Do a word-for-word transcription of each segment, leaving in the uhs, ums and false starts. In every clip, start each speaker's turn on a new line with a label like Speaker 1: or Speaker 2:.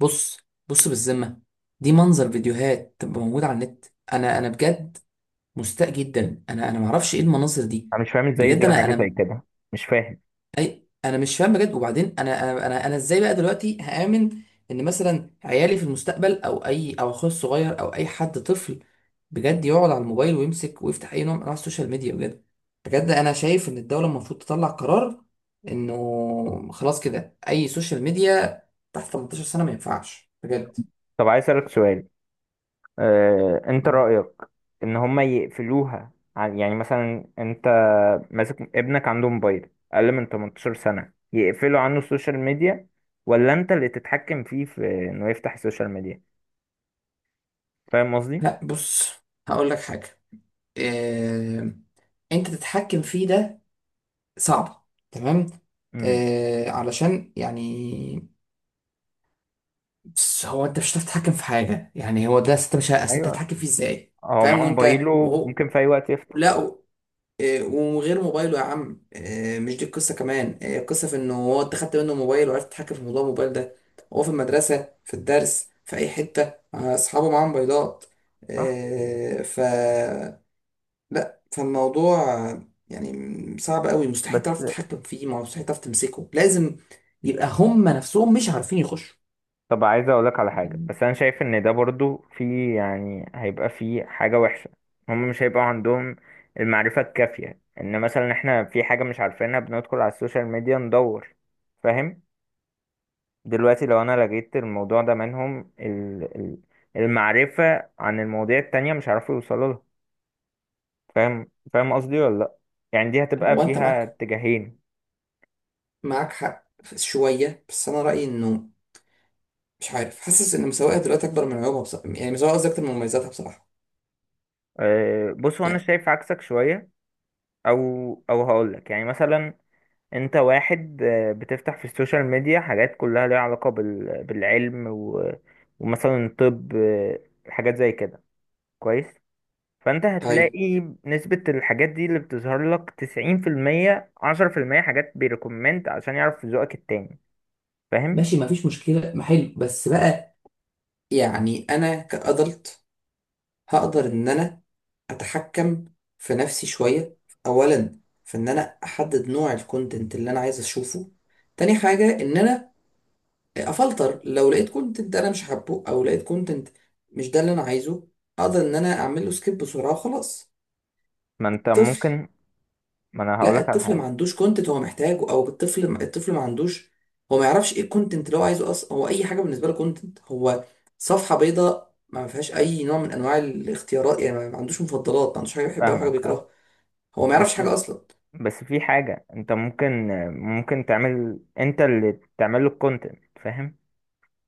Speaker 1: بص، بص بالذمة، دي منظر فيديوهات تبقى موجودة على النت. انا انا بجد مستاء جدا، انا انا معرفش ايه المناظر دي.
Speaker 2: انا مش فاهم ازاي
Speaker 1: بجد،
Speaker 2: زي
Speaker 1: انا
Speaker 2: حاجه زي
Speaker 1: انا
Speaker 2: كده. مش فاهم.
Speaker 1: أي انا مش فاهم بجد. وبعدين، انا انا انا, أنا ازاي بقى دلوقتي هآمن ان مثلا عيالي في المستقبل، او اي، او اخويا الصغير، او اي حد طفل بجد يقعد على الموبايل ويمسك ويفتح اي نوع من انواع السوشيال ميديا، بجد. بجد، انا شايف ان الدولة المفروض تطلع قرار، انه خلاص كده اي سوشيال ميديا تحت تمنتاشر سنة ما ينفعش، بجد.
Speaker 2: طب عايز اسالك سؤال. آه، انت رايك ان هما يقفلوها عن، يعني مثلا انت ماسك ابنك عنده موبايل اقل من تمنتاشر سنه، يقفلوا عنه السوشيال ميديا ولا انت اللي تتحكم فيه في انه يفتح السوشيال ميديا؟ فاهم قصدي؟
Speaker 1: لا، بص، هقول لك حاجة. إيه... انت تتحكم فيه ده صعب، تمام.
Speaker 2: امم،
Speaker 1: إيه... علشان يعني، بس هو، انت مش هتعرف تتحكم في حاجة، يعني هو ده، انت مش ه- أصل انت
Speaker 2: ايوه.
Speaker 1: هتتحكم فيه ازاي؟
Speaker 2: هو
Speaker 1: فاهم؟
Speaker 2: معاه
Speaker 1: وانت
Speaker 2: موبايله
Speaker 1: وهو؟
Speaker 2: ممكن في اي وقت يفتح.
Speaker 1: لا. إيه... وغير موبايله يا عم، إيه... مش دي القصة كمان، إيه... القصة في انه هو، انت خدت منه موبايل وعرفت تتحكم في موضوع الموبايل ده. هو في المدرسة، في الدرس، في اي حتة مع اصحابه، معاهم موبايلات.
Speaker 2: صح.
Speaker 1: إيه... ف لا، فالموضوع يعني صعب قوي، مستحيل
Speaker 2: بس
Speaker 1: تعرف تتحكم فيه، ما هو مستحيل تعرف تمسكه، لازم يبقى هم نفسهم مش عارفين يخشوا.
Speaker 2: طب عايز اقولك على حاجة،
Speaker 1: يعني،
Speaker 2: بس انا شايف ان ده برضو في، يعني هيبقى في حاجة وحشة. هم مش هيبقى عندهم المعرفة الكافية، ان مثلا احنا في حاجة مش عارفينها بندخل على السوشيال ميديا ندور. فاهم؟ دلوقتي لو انا لقيت الموضوع ده منهم ال- ال- المعرفة عن المواضيع التانية مش هيعرفوا يوصلوا لها. فاهم فاهم قصدي ولا لا؟ يعني دي هتبقى
Speaker 1: هو انت
Speaker 2: فيها
Speaker 1: معاك
Speaker 2: اتجاهين.
Speaker 1: معاك حق شوية، بس انا رأيي انه، مش عارف، حاسس ان مساواها دلوقتي اكبر من عيوبها بصراحة، يعني مساواها قصدي اكتر من مميزاتها بصراحة.
Speaker 2: أه، بص، هو انا
Speaker 1: يعني،
Speaker 2: شايف عكسك شوية. او او هقولك، يعني مثلا انت واحد آه، بتفتح في السوشيال ميديا حاجات كلها ليها علاقة بال... بالعلم و... ومثلا الطب، آه، حاجات زي كده. كويس. فانت
Speaker 1: طيب.
Speaker 2: هتلاقي نسبة الحاجات دي اللي بتظهر لك تسعين في المية، عشرة في المية حاجات بيريكومند عشان يعرف ذوقك التاني. فاهم؟
Speaker 1: ماشي، مفيش مشكله، ما حلو بس بقى. يعني انا كأدلت هقدر ان انا اتحكم في نفسي شويه، اولا في ان انا احدد نوع الكونتنت اللي انا عايز اشوفه، تاني حاجه ان انا افلتر. لو لقيت كونتنت انا مش حابه، او لقيت كونتنت مش ده اللي انا عايزه، اقدر ان انا اعمل له سكيب بسرعه، وخلاص.
Speaker 2: ما انت
Speaker 1: طفل.
Speaker 2: ممكن. ما انا
Speaker 1: لا،
Speaker 2: هقولك على
Speaker 1: الطفل
Speaker 2: حاجة.
Speaker 1: ما عندوش كونتنت هو محتاجه، او الطفل الطفل ما عندوش، هو ما يعرفش ايه الكونتنت اللي هو عايزه اصلا. هو اي حاجه بالنسبه له كونتنت. هو صفحه بيضاء ما فيهاش اي نوع من انواع الاختيارات، يعني ما ما عندوش مفضلات، ما عندوش حاجه بيحبها وحاجه
Speaker 2: فاهمك، فاهم.
Speaker 1: بيكرهها. هو ما
Speaker 2: بس
Speaker 1: يعرفش حاجة أصلا.
Speaker 2: بس في حاجة، انت ممكن ممكن تعمل، انت اللي تعمل له الكونتنت. فاهم؟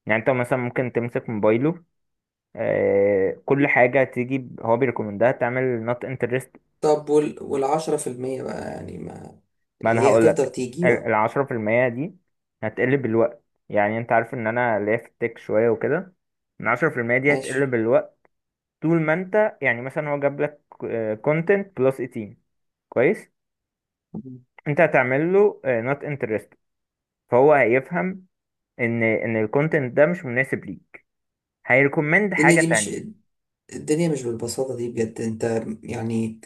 Speaker 2: يعني انت مثلا ممكن تمسك موبايله. آه، كل حاجة تيجي ب- هو بيريكومندها، تعمل not interest.
Speaker 1: طب، وال والعشرة في المية بقى، يعني ما
Speaker 2: ما
Speaker 1: اللي
Speaker 2: انا
Speaker 1: هي
Speaker 2: هقولك.
Speaker 1: هتفضل
Speaker 2: ال-
Speaker 1: تيجي و-
Speaker 2: العشرة في المية دي هتقل بالوقت. يعني انت عارف ان انا ليا في التك شوية وكده. العشرة في المية دي هتقل
Speaker 1: ماشي.
Speaker 2: بالوقت. طول ما انت، يعني مثلا هو جاب لك آه، content plus تمنتاشر. كويس. انت هتعمل له آه، not interest. فهو هيفهم ان ان الكونتنت ده مش مناسب ليك. هيريكومند
Speaker 1: الدنيا
Speaker 2: حاجة
Speaker 1: دي مش
Speaker 2: تانية.
Speaker 1: الدنيا مش بالبساطة دي، بجد. انت يعني،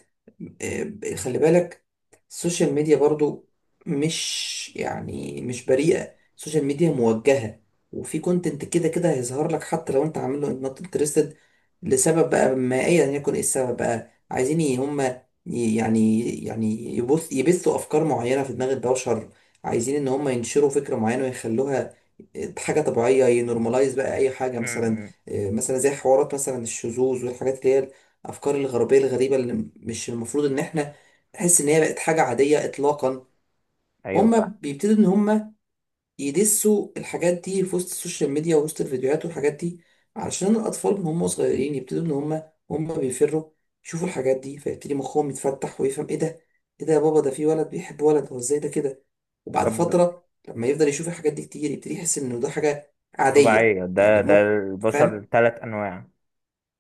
Speaker 1: آه، خلي بالك، السوشيال ميديا برضو مش، يعني مش بريئة، السوشيال ميديا موجهة، وفي كونتنت كده كده هيظهر لك حتى لو انت عامله نوت انترستد، لسبب بقى ما ايا يكن ايه السبب، بقى عايزين ي- هم ي- يعني يعني يبث يبثوا افكار معينة في دماغ البشر، عايزين ان هم ينشروا فكرة معينة ويخلوها آه، حاجة طبيعية، ينورماليز بقى اي حاجة،
Speaker 2: م-
Speaker 1: مثلا
Speaker 2: م.
Speaker 1: آه، مثلا زي حوارات، مثلا الشذوذ والحاجات اللي هي الافكار الغربيه الغريبه، اللي م- مش المفروض ان احنا نحس ان هي بقت حاجه عاديه اطلاقا.
Speaker 2: ايوه،
Speaker 1: هما
Speaker 2: فاهم.
Speaker 1: بيبتدوا ان هما يدسوا الحاجات دي في وسط السوشيال ميديا ووسط الفيديوهات والحاجات دي، علشان الاطفال من هم صغيرين يبتدوا ان هما هما بيفروا يشوفوا الحاجات دي، فيبتدي مخهم يتفتح ويفهم ايه ده، ايه ده يا بابا، ده في ولد بيحب ولد، هو ازاي ده كده؟ وبعد
Speaker 2: طب
Speaker 1: فتره، لما يفضل يشوف الحاجات دي كتير، يبتدي يحس انه ده حاجه عاديه،
Speaker 2: طبيعية، ده
Speaker 1: يعني
Speaker 2: ده
Speaker 1: مو. فاهم،
Speaker 2: البشر ثلاث انواع.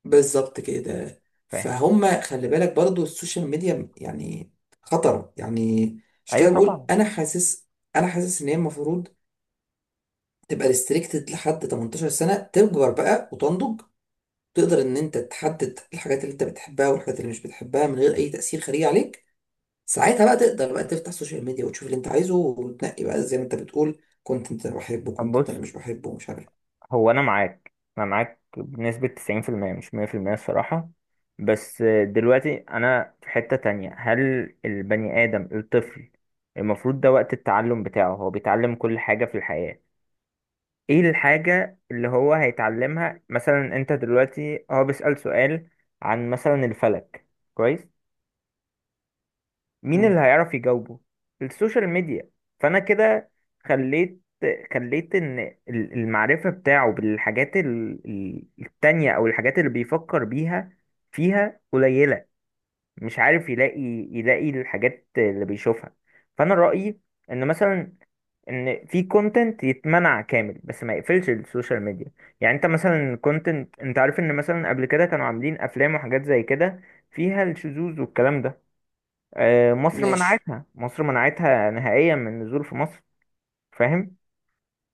Speaker 1: بالظبط كده.
Speaker 2: فاهم؟
Speaker 1: فهم، خلي بالك برضو السوشيال ميديا يعني خطر يعني. مش
Speaker 2: ايوه
Speaker 1: كده بقول،
Speaker 2: طبعا.
Speaker 1: انا حاسس انا حاسس ان هي المفروض تبقى ريستريكتد لحد تمنتاشر سنة، تكبر بقى وتنضج، تقدر ان انت تحدد الحاجات اللي انت بتحبها والحاجات اللي مش بتحبها، من غير اي تأثير خارجي عليك. ساعتها بقى، تقدر بقى تفتح السوشيال ميديا وتشوف اللي انت عايزه، وتنقي بقى زي ما انت بتقول: كنت انت بحبه، كنت انت
Speaker 2: بص،
Speaker 1: مش بحبه، ومش عارف.
Speaker 2: هو انا معاك انا معاك بنسبة تسعين في المية، مش مية في المية الصراحة. بس دلوقتي انا في حتة تانية. هل البني ادم الطفل المفروض ده وقت التعلم بتاعه؟ هو بيتعلم كل حاجة في الحياة. ايه الحاجة اللي هو هيتعلمها؟ مثلا انت دلوقتي هو بيسأل سؤال عن مثلا الفلك. كويس. مين اللي
Speaker 1: مم.
Speaker 2: هيعرف يجاوبه؟ السوشيال ميديا. فانا كده خليت خليت ان ال- المعرفة بتاعه بالحاجات ال- ال- التانية، او الحاجات اللي بيفكر بيها، فيها قليلة. مش عارف يلاقي يلاقي الحاجات اللي بيشوفها. فانا رأيي ان مثلا، ان في كونتنت يتمنع كامل بس ما يقفلش السوشيال ميديا. يعني انت مثلا كونتنت، انت عارف ان مثلا قبل كده كانوا عاملين افلام وحاجات زي كده فيها الشذوذ والكلام ده. آه، مصر
Speaker 1: ماشي.
Speaker 2: منعتها، مصر منعتها نهائيا من النزول في مصر. فاهم؟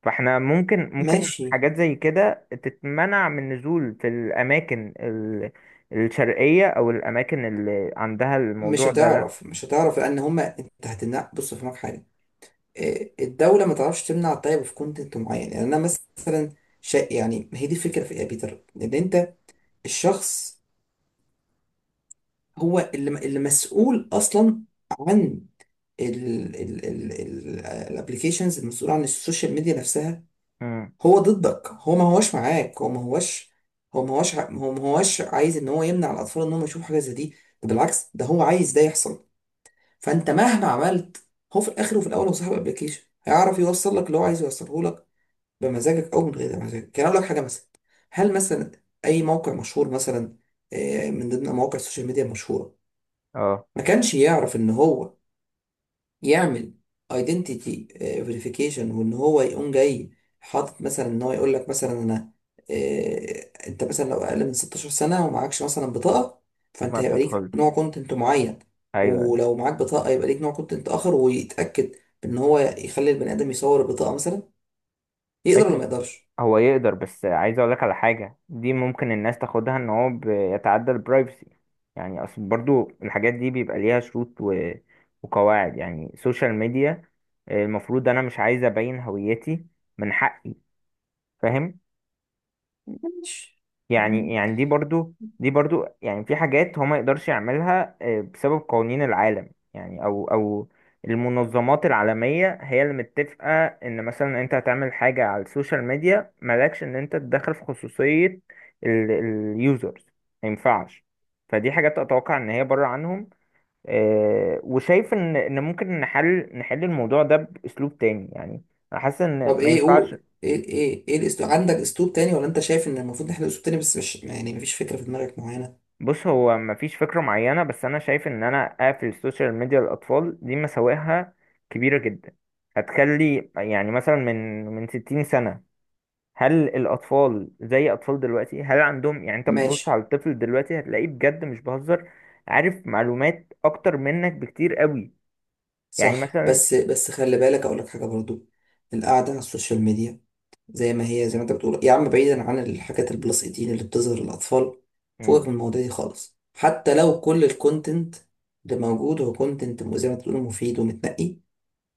Speaker 2: فاحنا ممكن ممكن
Speaker 1: ماشي،
Speaker 2: حاجات زي كده تتمنع من النزول في الاماكن ال- الشرقية، او الاماكن اللي عندها
Speaker 1: مش
Speaker 2: الموضوع ده. لا.
Speaker 1: هتعرف، مش هتعرف، لان هما انت هتمنع. بص، فهمك حاجه، إيه، الدوله ما تعرفش تمنع، الطيب في كونتنت معين، يعني انا مثلا شا... يعني ما هي دي الفكره في ايه يا بيتر، ان انت الشخص، هو اللي اللي مسؤول اصلا عن الابلكيشنز، المسؤول عن السوشيال ميديا نفسها.
Speaker 2: مم.
Speaker 1: هو ضدك، هو ما هوش معاك، هو ما هوش هو ما هوش ع- هو ما هوش عايز ان هو يمنع الاطفال ان هم يشوفوا حاجه زي دي. ده بالعكس، ده هو عايز ده يحصل. فانت مهما عملت، هو في الاخر وفي الاول هو صاحب ابلكيشن، هيعرف يوصل لك اللي هو عايز يوصله لك بمزاجك او من غير مزاجك. يعني اقول لك حاجه، مثلا، هل مثلا اي موقع مشهور، مثلا آه، من ضمن مواقع السوشيال ميديا المشهوره،
Speaker 2: اه،
Speaker 1: ما كانش يعرف ان هو يعمل ايدنتيتي فيريفيكيشن، وان هو يقوم جاي حاطط مثلا ان هو يقول لك مثلا: انا، آه، انت مثلا لو اقل من ستة عشر سنه ومعكش مثلا بطاقه، فانت
Speaker 2: ما
Speaker 1: هيبقى ليك
Speaker 2: تدخلش.
Speaker 1: نوع كونتنت معين،
Speaker 2: ايوه، أيوة.
Speaker 1: ولو معاك بطاقه يبقى ليك نوع كونتنت اخر، ويتاكد ان هو يخلي البني ادم يصور البطاقه مثلا. يقدر
Speaker 2: ماشي.
Speaker 1: ولا ما يقدرش؟
Speaker 2: هو يقدر، بس عايز اقول لك على حاجه، دي ممكن الناس تاخدها ان هو بيتعدى البرايفسي. يعني اصل برضو الحاجات دي بيبقى ليها شروط و... وقواعد، يعني سوشيال ميديا. المفروض انا مش عايز ابين هويتي. من حقي. فاهم؟
Speaker 1: ماشي.
Speaker 2: يعني يعني دي برضو دي برضو يعني في حاجات هو ما يقدرش يعملها، آه، بسبب قوانين العالم يعني، او او المنظمات العالمية هي اللي متفقة ان مثلا انت هتعمل حاجة على السوشيال ميديا، مالكش ان انت تدخل في خصوصية اليوزرز. ما ينفعش. فدي حاجات اتوقع ان هي بره عنهم. آه، وشايف ان ان ممكن نحل نحل الموضوع ده باسلوب تاني يعني. أنا حاسس
Speaker 1: طب،
Speaker 2: ان ما
Speaker 1: ايه
Speaker 2: ينفعش.
Speaker 1: قول، ايه ايه ايه الاسلوب، عندك اسلوب تاني ولا انت شايف ان المفروض نحل اسلوب تاني بس مش يعني مفيش فكره في دماغك معينه؟
Speaker 2: بص، هو مفيش فكرة معينة، بس أنا شايف إن أنا أقفل السوشيال ميديا للأطفال، دي مساوئها كبيرة جدا. هتخلي، يعني مثلا، من من ستين سنة. هل الأطفال زي أطفال دلوقتي؟ هل عندهم، يعني أنت بتبص
Speaker 1: ماشي،
Speaker 2: على الطفل دلوقتي، هتلاقيه بجد مش بهزر، عارف معلومات أكتر منك بكتير قوي. يعني
Speaker 1: صح،
Speaker 2: مثلا.
Speaker 1: بس بس خلي بالك، اقول لك حاجه برضو. القعده على السوشيال ميديا زي ما هي، زي ما انت بتقول يا عم، بعيدا عن الحاجات البلس ثمانية عشر اللي بتظهر للاطفال
Speaker 2: مم،
Speaker 1: فوقك، من المواضيع دي خالص، حتى لو كل الكونتنت اللي موجود هو كونتنت زي ما انت بتقول مفيد ومتنقي،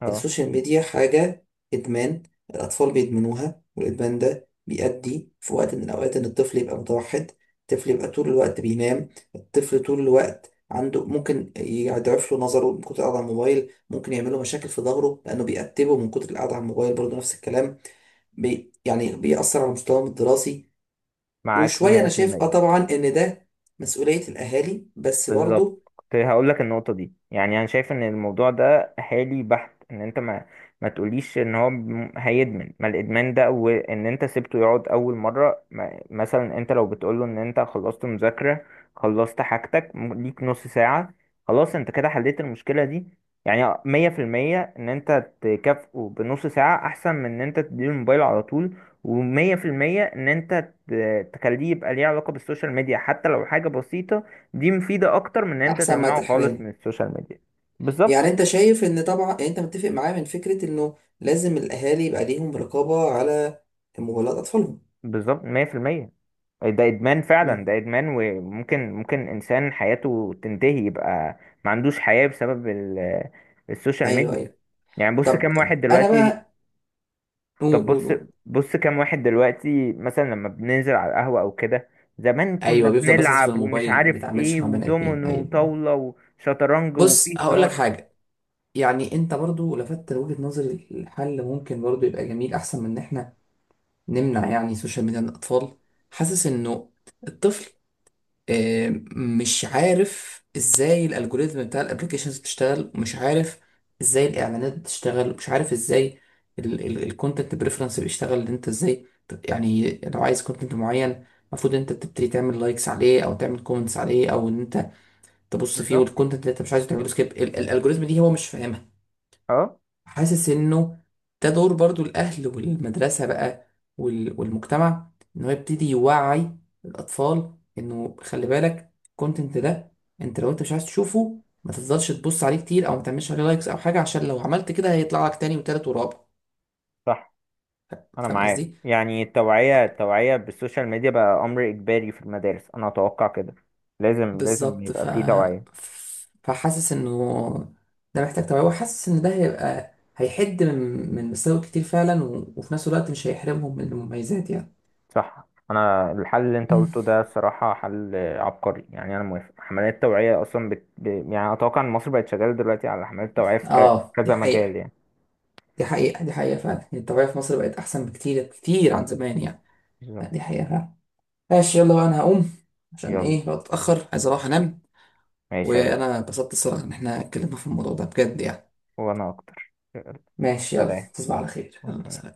Speaker 2: اه،
Speaker 1: السوشيال ميديا حاجة إدمان، الأطفال بيدمنوها، والإدمان ده بيؤدي في وقت من الأوقات إن الطفل يبقى متوحد، الطفل يبقى طول الوقت بينام، الطفل طول الوقت عنده، ممكن يضعف له نظره من كتر القعدة على الموبايل، ممكن يعمل له مشاكل في ظهره لأنه بيأتبه من كتر القعدة على الموبايل برضه، نفس الكلام، بي يعني بيأثر على مستواهم الدراسي.
Speaker 2: معاك
Speaker 1: وشوية، أنا شايف، أه
Speaker 2: مية في المية.
Speaker 1: طبعا، إن ده مسؤولية الأهالي بس
Speaker 2: بالظبط.
Speaker 1: برضه.
Speaker 2: كنت هقول لك النقطة دي. يعني أنا شايف إن الموضوع ده حالي بحت، إن أنت ما ما تقوليش إن هو م- هيدمن، ما الإدمان ده، وإن أنت سيبته يقعد أول مرة. ما مثلا أنت لو بتقوله إن أنت خلصت مذاكرة، خلصت حاجتك م- ليك نص ساعة، خلاص أنت كده حليت المشكلة دي. يعني مية في المية إن أنت تكافئه بنص ساعة أحسن من إن أنت تديله الموبايل على طول. ومية في المية إن أنت ت- تخليه يبقى ليه علاقة بالسوشيال ميديا، حتى لو حاجة بسيطة. دي مفيدة أكتر من إن أنت
Speaker 1: أحسن ما
Speaker 2: تمنعه خالص
Speaker 1: تحرمه.
Speaker 2: من السوشيال ميديا.
Speaker 1: يعني
Speaker 2: بالظبط.
Speaker 1: انت شايف ان طبعا، يعني انت متفق معايا من فكرة انه لازم الاهالي يبقى ليهم رقابة على موبايلات اطفالهم.
Speaker 2: بالظبط، مية في المية. ده إدمان فعلا،
Speaker 1: مم.
Speaker 2: ده إدمان، وممكن ممكن إنسان حياته تنتهي، يبقى ما عندوش حياة بسبب ال- السوشيال
Speaker 1: ايوه،
Speaker 2: ميديا.
Speaker 1: ايوه.
Speaker 2: يعني بص،
Speaker 1: طب،
Speaker 2: كام واحد
Speaker 1: انا
Speaker 2: دلوقتي.
Speaker 1: بقى. قول،
Speaker 2: طب
Speaker 1: قول،
Speaker 2: بص
Speaker 1: قول.
Speaker 2: بص كام واحد دلوقتي مثلا لما بننزل على القهوة أو كده، زمان كنا
Speaker 1: ايوه، بيفضل بس في
Speaker 2: بنلعب ومش
Speaker 1: الموبايل، ما
Speaker 2: عارف
Speaker 1: بيتعاملش
Speaker 2: إيه،
Speaker 1: مع بني ادمين.
Speaker 2: ودومينو
Speaker 1: ايوه، ايوه.
Speaker 2: وطاولة وشطرنج،
Speaker 1: بص،
Speaker 2: وفيه
Speaker 1: هقول لك
Speaker 2: هزار.
Speaker 1: حاجه، يعني انت برضو لفتت وجهه نظري، الحل ممكن برضو يبقى جميل احسن من ان احنا نمنع يعني السوشيال ميديا من الاطفال. حاسس انه الطفل، آه، مش عارف ازاي الالجوريزم بتاع الابلكيشنز بتشتغل، ومش عارف ازاي الاعلانات بتشتغل، ومش عارف ازاي الكونتنت بريفرنس بيشتغل، ان انت ازاي ت- يعني، لو عايز كونتنت معين المفروض انت تبتدي تعمل لايكس عليه، او تعمل كومنتس عليه، او ان انت تبص فيه،
Speaker 2: بالظبط.
Speaker 1: والكونتنت اللي انت مش عايزه تعمله سكيب. الالجوريزم دي هو مش فاهمها.
Speaker 2: أه
Speaker 1: حاسس انه ده دور برضو الاهل والمدرسه بقى، وال- والمجتمع، ان هو يبتدي يوعي الاطفال انه خلي بالك الكونتنت ده، انت لو انت مش عايز تشوفه ما تفضلش تبص عليه كتير، او ما تعملش عليه لايكس او حاجه، عشان لو عملت كده هيطلع لك تاني وتالت ورابع.
Speaker 2: صح، انا
Speaker 1: فاهم
Speaker 2: معاك.
Speaker 1: قصدي؟
Speaker 2: يعني التوعية، التوعية بالسوشيال ميديا بقى امر اجباري في المدارس، انا اتوقع كده. لازم، لازم
Speaker 1: بالظبط،
Speaker 2: يبقى
Speaker 1: ف
Speaker 2: فيه توعية.
Speaker 1: فحاسس انه ده محتاج توعيه، وحاسس ان ده هيبقى هيحد من من مساوئ كتير فعلا، و... وفي نفس الوقت مش هيحرمهم من المميزات يعني.
Speaker 2: صح، انا الحل اللي انت
Speaker 1: مم.
Speaker 2: قلته ده الصراحة حل عبقري، يعني انا موافق. حملات توعية اصلا بت... ب... يعني اتوقع ان مصر بقت شغالة دلوقتي على حملات توعية في ك...
Speaker 1: اه، دي
Speaker 2: كذا
Speaker 1: حقيقة،
Speaker 2: مجال يعني.
Speaker 1: دي حقيقة، دي حقيقة فعلا. يعني الطبيعة في مصر بقت أحسن بكتير كتير عن زمان، يعني. لا،
Speaker 2: بالظبط.
Speaker 1: دي حقيقة فعلا. ماشي، يلا بقى، أنا هقوم عشان
Speaker 2: يلا،
Speaker 1: إيه بقى أتأخر، عايز أروح أنام.
Speaker 2: ماشي يا بنت.
Speaker 1: وأنا اتبسطت الصراحة إن إحنا اتكلمنا في الموضوع ده بجد يعني.
Speaker 2: وانا اكتر، يلا.
Speaker 1: ماشي، يلا
Speaker 2: سلام.
Speaker 1: تصبح على خير،
Speaker 2: وأنت.
Speaker 1: يلا، سلام.